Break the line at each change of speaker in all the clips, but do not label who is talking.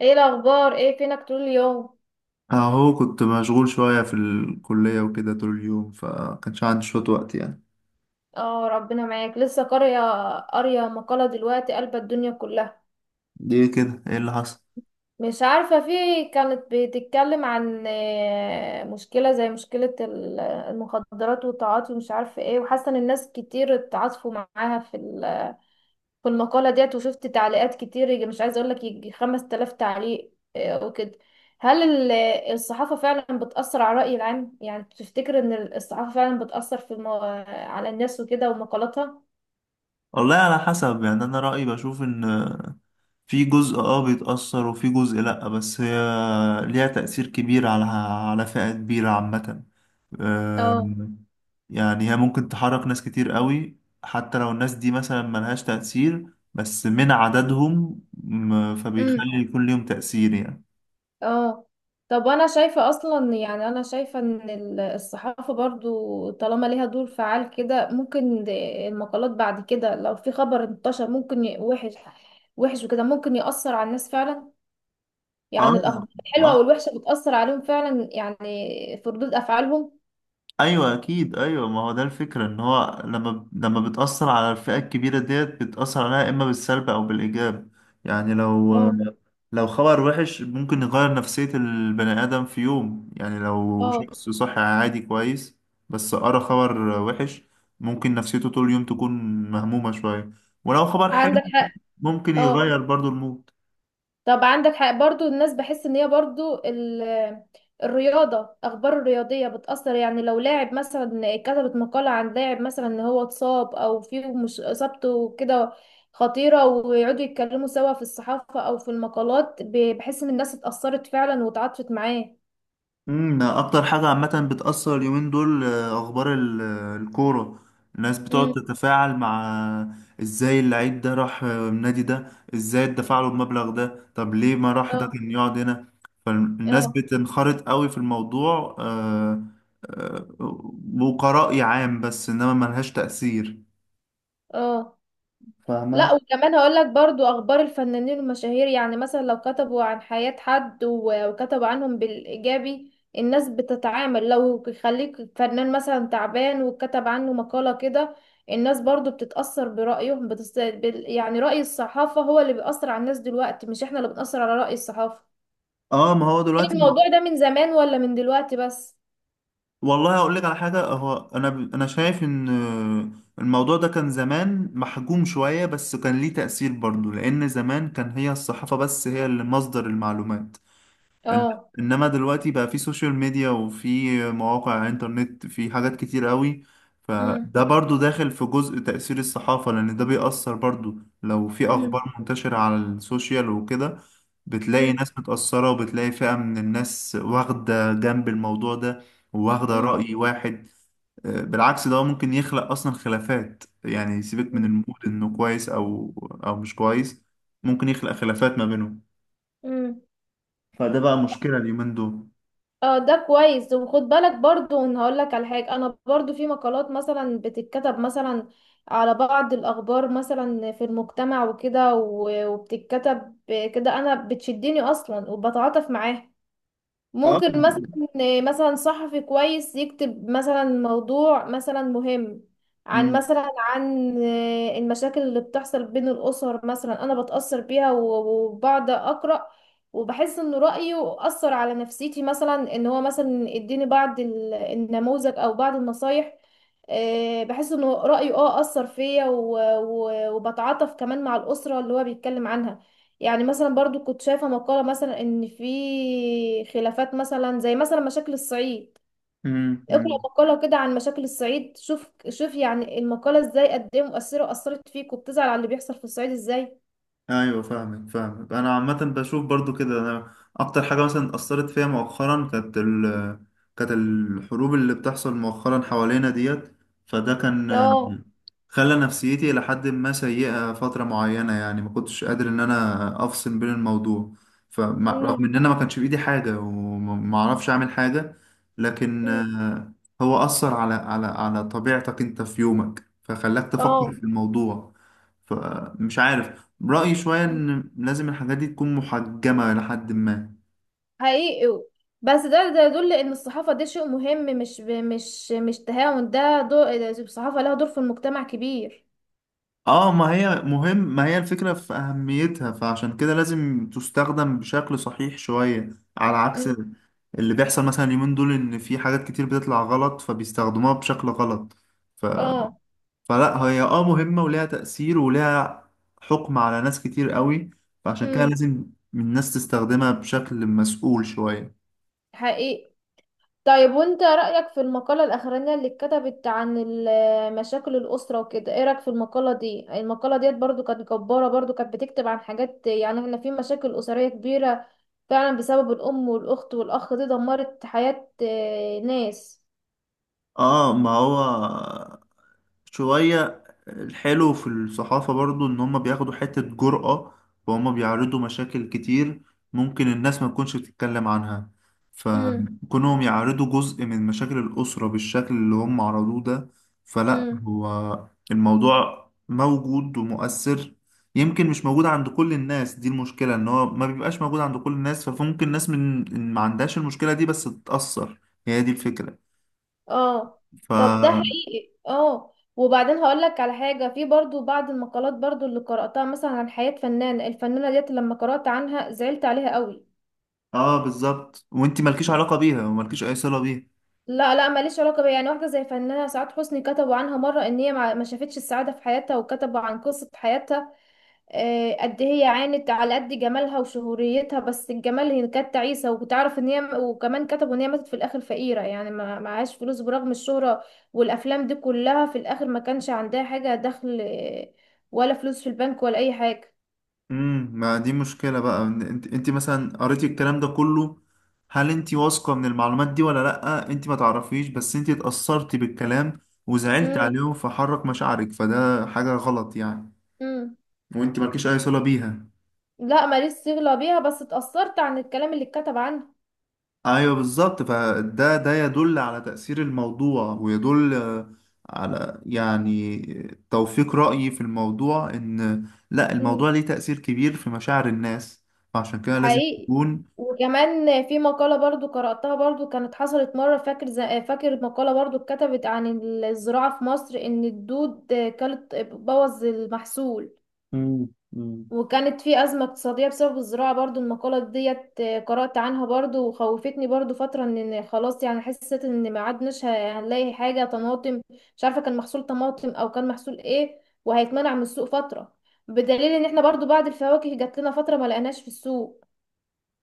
ايه الاخبار؟ ايه فينك طول اليوم؟
اهو كنت مشغول شوية في الكلية وكده طول اليوم فكانش عندي شوية وقت يعني.
اه، ربنا معاك. لسه قارية، قارية مقالة دلوقتي قلب الدنيا كلها.
ليه كده؟ ايه اللي حصل؟
مش عارفة، في كانت بتتكلم عن مشكلة زي مشكلة المخدرات والتعاطي، ومش عارفة ايه، وحاسة ان الناس كتير اتعاطفوا معاها في المقالة ديت. وشفت تعليقات كتير، مش عايزة اقولك، يجي 5000 تعليق وكده. هل ال- الصحافة فعلا بتأثر على الرأي العام؟ يعني تفتكر ان الصحافة فعلا بتأثر في على الناس وكده ومقالاتها؟
والله على حسب، يعني انا رأيي بشوف ان في جزء بيتأثر وفي جزء لأ، بس هي ليها تأثير كبير على فئة كبيرة عامة.
اه.
أم، يعني هي ممكن تحرك ناس كتير قوي، حتى لو الناس دي مثلا ملهاش تأثير، بس من عددهم
امم.
فبيخلي يكون ليهم تأثير يعني.
اه. طب انا شايفة اصلا، يعني انا شايفة ان الصحافة برضو طالما ليها دور فعال كده، ممكن المقالات بعد كده، لو في خبر انتشر، ممكن وحش وحش وكده، ممكن يأثر على الناس فعلا.
اه.
يعني الأخبار
اه،
الحلوة والوحشة بتأثر عليهم فعلا، يعني في ردود أفعالهم.
ايوه اكيد، ايوه ما هو ده الفكره، ان هو لما بتاثر على الفئه الكبيره ديت بتاثر عليها، اما بالسلب او بالايجاب. يعني لو،
اه.
خبر وحش ممكن يغير نفسيه البني ادم في يوم، يعني لو
اه.
شخص صحي عادي كويس بس قرا خبر وحش، ممكن نفسيته طول اليوم تكون مهمومه شويه. ولو خبر حلو
عندك حق.
ممكن
اه،
يغير برضو المود.
طب عندك حق برضو. الناس بحس ان هي برضو الرياضة، أخبار الرياضية بتأثر. يعني لو لاعب مثلا، كتبت مقالة عن لاعب مثلا ان هو اتصاب أو فيه، مش إصابته كده خطيرة، ويقعدوا يتكلموا سوا في الصحافة أو في المقالات، بحس ان الناس اتأثرت فعلا وتعاطفت معاه.
امم، ده اكتر حاجة عامة بتأثر اليومين دول، اخبار الكورة. الناس بتقعد
امم.
تتفاعل مع ازاي اللعيب ده راح النادي ده، ازاي اتدفع له المبلغ ده، طب ليه ما راح، ده
اه.
كان يقعد هنا. فالناس
اه.
بتنخرط قوي في الموضوع، آه، وكرأي عام، بس انما ملهاش تأثير.
اه.
فاهمة؟
لا، وكمان هقول لك برضو اخبار الفنانين المشاهير. يعني مثلا لو كتبوا عن حياة حد، وكتبوا عنهم بالايجابي، الناس بتتعامل. لو يخليك فنان مثلا تعبان وكتب عنه مقالة كده، الناس برضو بتتأثر برأيهم، يعني رأي الصحافة هو اللي بيأثر على الناس دلوقتي، مش احنا اللي بنأثر على رأي الصحافة.
اه ما هو
هل
دلوقتي،
الموضوع ده من زمان ولا من دلوقتي بس؟
والله هقول لك على حاجة، هو أنا شايف إن الموضوع ده كان زمان محجوم شوية، بس كان ليه تأثير برضه، لأن زمان كان هي الصحافة بس هي اللي مصدر المعلومات. إن-
اه.
انما دلوقتي بقى في سوشيال ميديا وفي مواقع انترنت، في حاجات كتير قوي.
امم.
فده برضو داخل في جزء تأثير الصحافة، لان ده بيأثر برضو. لو في
امم.
اخبار منتشرة على السوشيال وكده، بتلاقي
امم.
ناس متأثرة وبتلاقي فئة من الناس واخدة جنب الموضوع ده، وواخدة
امم.
رأي واحد. بالعكس، ده ممكن يخلق اصلا خلافات، يعني سيبك من المود انه كويس او او مش كويس، ممكن يخلق خلافات ما بينهم.
امم.
فده بقى مشكلة اليومين دول.
اه، ده كويس. وخد بالك برضو، ان هقول لك على حاجه، انا برضو في مقالات مثلا بتتكتب مثلا على بعض الاخبار مثلا في المجتمع وكده، وبتتكتب كده، انا بتشدني اصلا وبتعاطف معاها.
اه.
ممكن مثلا، مثلا صحفي كويس يكتب مثلا موضوع مثلا مهم، عن
مم.
مثلا عن المشاكل اللي بتحصل بين الأسر مثلا، أنا بتأثر بيها وبقعد أقرأ، وبحس إن رأيه أثر على نفسيتي مثلا، إن هو مثلا اديني بعض النموذج أو بعض النصايح. بحس إن رأيه أثر فيا وبتعاطف كمان مع الأسرة اللي هو بيتكلم عنها. يعني مثلا برضو كنت شايفة مقالة مثلا ان في خلافات مثلا، زي مثلا مشاكل الصعيد.
مم.
اقرأ
مم.
مقالة كده عن مشاكل الصعيد، شوف شوف يعني المقالة ازاي، قد ايه مؤثرة، اثرت فيك وبتزعل على اللي بيحصل في الصعيد ازاي.
ايوه فاهمك، انا عامه بشوف برضو كده. انا اكتر حاجه مثلا اثرت فيها مؤخرا كانت كانت الحروب اللي بتحصل مؤخرا حوالينا ديت. فده
اه.
كان خلى نفسيتي إلى حد ما سيئه فتره معينه، يعني ما كنتش قادر ان انا افصل بين الموضوع، فرغم
امم.
ان انا ما كانش بايدي حاجه وما اعرفش اعمل حاجه، لكن
أمم.
هو اثر على على طبيعتك انت في يومك، فخلاك تفكر
اه،
في الموضوع، فمش عارف. رأيي شوية إن لازم الحاجات دي تكون محجمة لحد ما.
حقيقي. بس ده ده يدل ان الصحافة دي شيء مهم، مش تهاون ده. دور الصحافة لها دور في المجتمع كبير.
اه، ما هي مهم، ما هي الفكرة في أهميتها، فعشان كده لازم تستخدم بشكل صحيح شوية، على عكس
امم.
اللي بيحصل مثلا اليومين دول إن في حاجات كتير بتطلع غلط فبيستخدموها بشكل غلط. ف...
اه.
فلا هي اه مهمة وليها تأثير وليها حكم على ناس كتير قوي، فعشان كده
امم.
لازم الناس تستخدمها بشكل مسؤول شوية.
حقيقي. طيب، وانت رأيك في المقالة الأخرانية اللي اتكتبت عن مشاكل الأسرة وكده؟ ايه رأيك في المقالة دي؟ المقالة ديت برضو كانت جبارة، برضو كانت بتكتب عن حاجات، يعني احنا في مشاكل أسرية كبيرة فعلا، بسبب الأم والأخت والأخ، دي دمرت حياة ناس.
اه ما هو، شوية الحلو في الصحافة برضو إن هما بياخدوا حتة جرأة، وهما بيعرضوا مشاكل كتير ممكن الناس ما تكونش بتتكلم عنها،
امم.
فكونهم يعرضوا جزء من مشاكل الأسرة بالشكل اللي هم عرضوه ده، فلا
امم.
هو الموضوع موجود ومؤثر. يمكن مش موجود عند كل الناس، دي المشكلة، إن هو ما بيبقاش موجود عند كل الناس، فممكن ناس من ما عندهاش المشكلة دي بس تتأثر، هي دي الفكرة.
اه،
ف،
طب ده حقيقي. اه، وبعدين هقولك على حاجة. في برضو بعض المقالات برضو اللي قرأتها مثلا عن حياة فنانة، الفنانة ديت لما قرأت عنها زعلت عليها قوي.
اه بالظبط، وانت مالكيش علاقة بيها ومالكيش اي صلة بيها.
لا، لا، ماليش علاقه بيها، يعني واحده زي فنانه سعاد حسني، كتبوا عنها مره ان هي ما شافتش السعاده في حياتها، وكتبوا عن قصه حياتها. قد إيه هي عانت على قد جمالها وشهوريتها، بس الجمال هي كانت تعيسه، وتعرف ان هي، وكمان كتبوا ان هي ماتت في الاخر فقيره، يعني ما معهاش فلوس برغم الشهره والافلام دي كلها، في الاخر ما كانش عندها حاجه دخل، ولا فلوس في البنك ولا اي حاجه.
امم، ما دي مشكلة بقى، إن انت مثلا قريتي الكلام ده كله، هل انت واثقة من المعلومات دي ولا لأ؟ انت ما تعرفيش بس انت اتأثرتي بالكلام، وزعلت
امم.
عليهم فحرك مشاعرك، فده حاجة غلط يعني،
امم.
وانت مالكيش اي صلة بيها.
لا، ماليش صله بيها، بس اتأثرت عن الكلام اللي اتكتب عنها.
ايوه بالظبط، فده ده يدل على تأثير الموضوع ويدل على، يعني توفيق رأيي في الموضوع، ان لا الموضوع ليه تأثير كبير في مشاعر الناس، فعشان كده لازم
حقيقي.
تكون.
وكمان في مقالة برضو قرأتها برضو، كانت حصلت مرة، فاكر، فاكر مقالة برضو اتكتبت عن الزراعة في مصر، إن الدود كانت بوظ المحصول،
مم.
وكانت في أزمة اقتصادية بسبب الزراعة برضو. المقالة ديت قرأت عنها برضو وخوفتني برضو فترة، إن خلاص، يعني حسيت إن ما عدناش هنلاقي حاجة طماطم. مش عارفة كان محصول طماطم أو كان محصول إيه، وهيتمنع من السوق فترة، بدليل إن إحنا برضو بعد الفواكه جات لنا فترة ما لقيناش في السوق.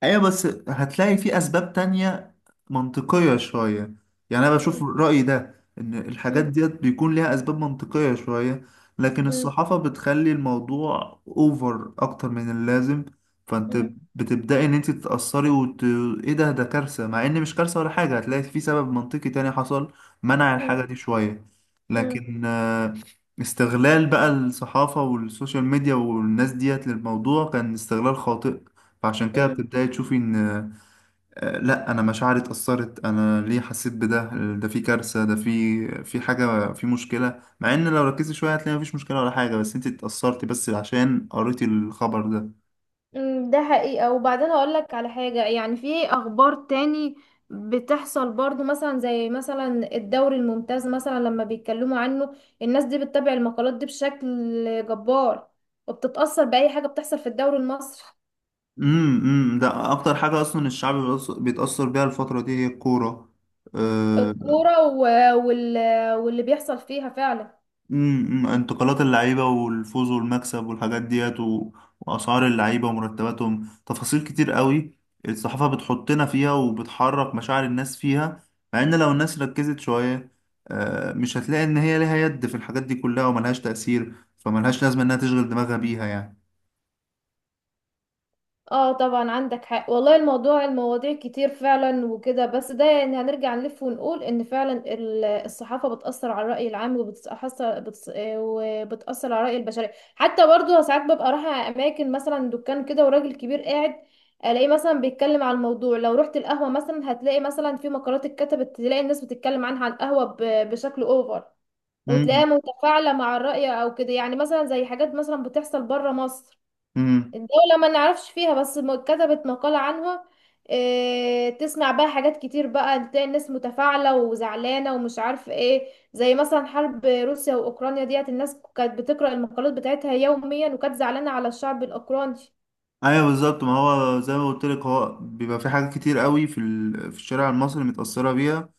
ايوه بس هتلاقي في اسباب تانية منطقية شوية، يعني انا بشوف رأيي ده ان الحاجات
مم.
ديت بيكون ليها اسباب منطقية شوية، لكن
مم.
الصحافة بتخلي الموضوع اوفر اكتر من اللازم، فانت
مم.
بتبدأي ان انت تتأثري. ايه ده؟ ده كارثة، مع ان مش كارثة ولا حاجة، هتلاقي في سبب منطقي تاني حصل منع الحاجة
مم.
دي شوية،
مم.
لكن استغلال بقى الصحافة والسوشيال ميديا والناس ديت للموضوع كان استغلال خاطئ. فعشان كده
مم.
بتبدأي تشوفي إن لأ، أنا مشاعري اتأثرت، أنا ليه حسيت بده، ده في كارثة، ده في حاجة، في مشكلة، مع إن لو ركزتي شوية هتلاقي مفيش مشكلة ولا حاجة، بس أنت اتأثرتي بس عشان قريتي الخبر ده.
مم. ده حقيقة. وبعدين اقول لك على حاجة، يعني في اخبار تاني بتحصل برضو، مثلا زي مثلا الدوري الممتاز مثلا، لما بيتكلموا عنه الناس دي بتتابع المقالات دي بشكل جبار، وبتتأثر بأي حاجة بتحصل في الدوري المصري.
امم. امم، ده أكتر حاجة أصلا الشعب بيتأثر بيها الفترة دي هي الكورة. آه،
الكورة وال... واللي بيحصل فيها فعلا.
امم، انتقالات اللعيبة والفوز والمكسب والحاجات ديت وأسعار اللعيبة ومرتباتهم، تفاصيل كتير قوي الصحافة بتحطنا فيها وبتحرك مشاعر الناس فيها، مع إن لو الناس ركزت شوية، مش هتلاقي إن هي ليها يد في الحاجات دي كلها وملهاش تأثير، فملهاش لازمة إنها تشغل دماغها بيها يعني.
اه، طبعا عندك حق والله. الموضوع، المواضيع كتير فعلا وكده، بس ده يعني هنرجع نلف ونقول ان فعلا الصحافة بتأثر على الرأي العام، وبتأثر على الرأي البشري. حتى برضو ساعات ببقى رايحة أماكن مثلا، دكان كده وراجل كبير قاعد الاقيه مثلا بيتكلم على الموضوع. لو رحت القهوة مثلا، هتلاقي مثلا في مقالات اتكتبت، تلاقي الناس بتتكلم عنها على القهوة بشكل اوفر، وتلاقيها
امم.
متفاعلة مع الرأي او كده. يعني مثلا زي حاجات مثلا بتحصل بره مصر،
امم.
الدولة ما نعرفش فيها، بس كتبت مقالة عنها. إيه، تسمع بقى حاجات كتير بقى، تلاقي الناس متفاعلة وزعلانة ومش عارف ايه، زي مثلا حرب روسيا وأوكرانيا ديت، الناس كانت بتقرأ المقالات بتاعتها يوميا، وكانت زعلانة على الشعب الأوكراني.
ايوه بالظبط، ما هو زي ما قلت لك، هو بيبقى في حاجات كتير قوي في في الشارع المصري متأثرة بيها،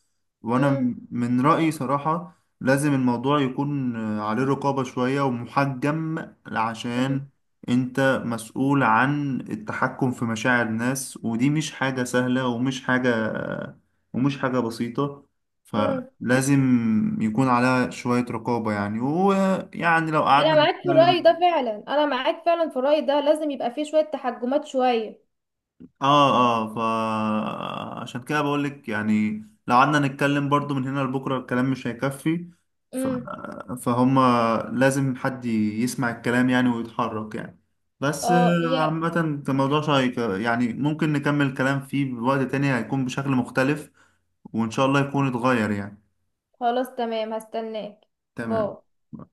وانا
امم.
من رأيي صراحة لازم الموضوع يكون عليه رقابة شوية ومحجم، عشان انت مسؤول عن التحكم في مشاعر الناس، ودي مش حاجة سهلة ومش حاجة ومش حاجة بسيطة،
امم.
فلازم يكون عليها شوية رقابة يعني. ويعني لو قعدنا
أنا معاك في الرأي ده
نتكلم،
فعلا، أنا معاك فعلا في الرأي ده، لازم يبقى فيه شوية تحجمات شوية.
اه. اه، فعشان كده بقول لك، يعني لو قعدنا نتكلم برضو من هنا لبكره الكلام مش هيكفي. ف...
امم.
فهم لازم حد يسمع الكلام يعني ويتحرك يعني. بس
اه، يا
عامة الموضوع شيق، يعني ممكن نكمل الكلام فيه بوقت تاني هيكون بشكل مختلف، وإن شاء الله يكون اتغير يعني.
خلاص، تمام، هستناك. باي.
تمام.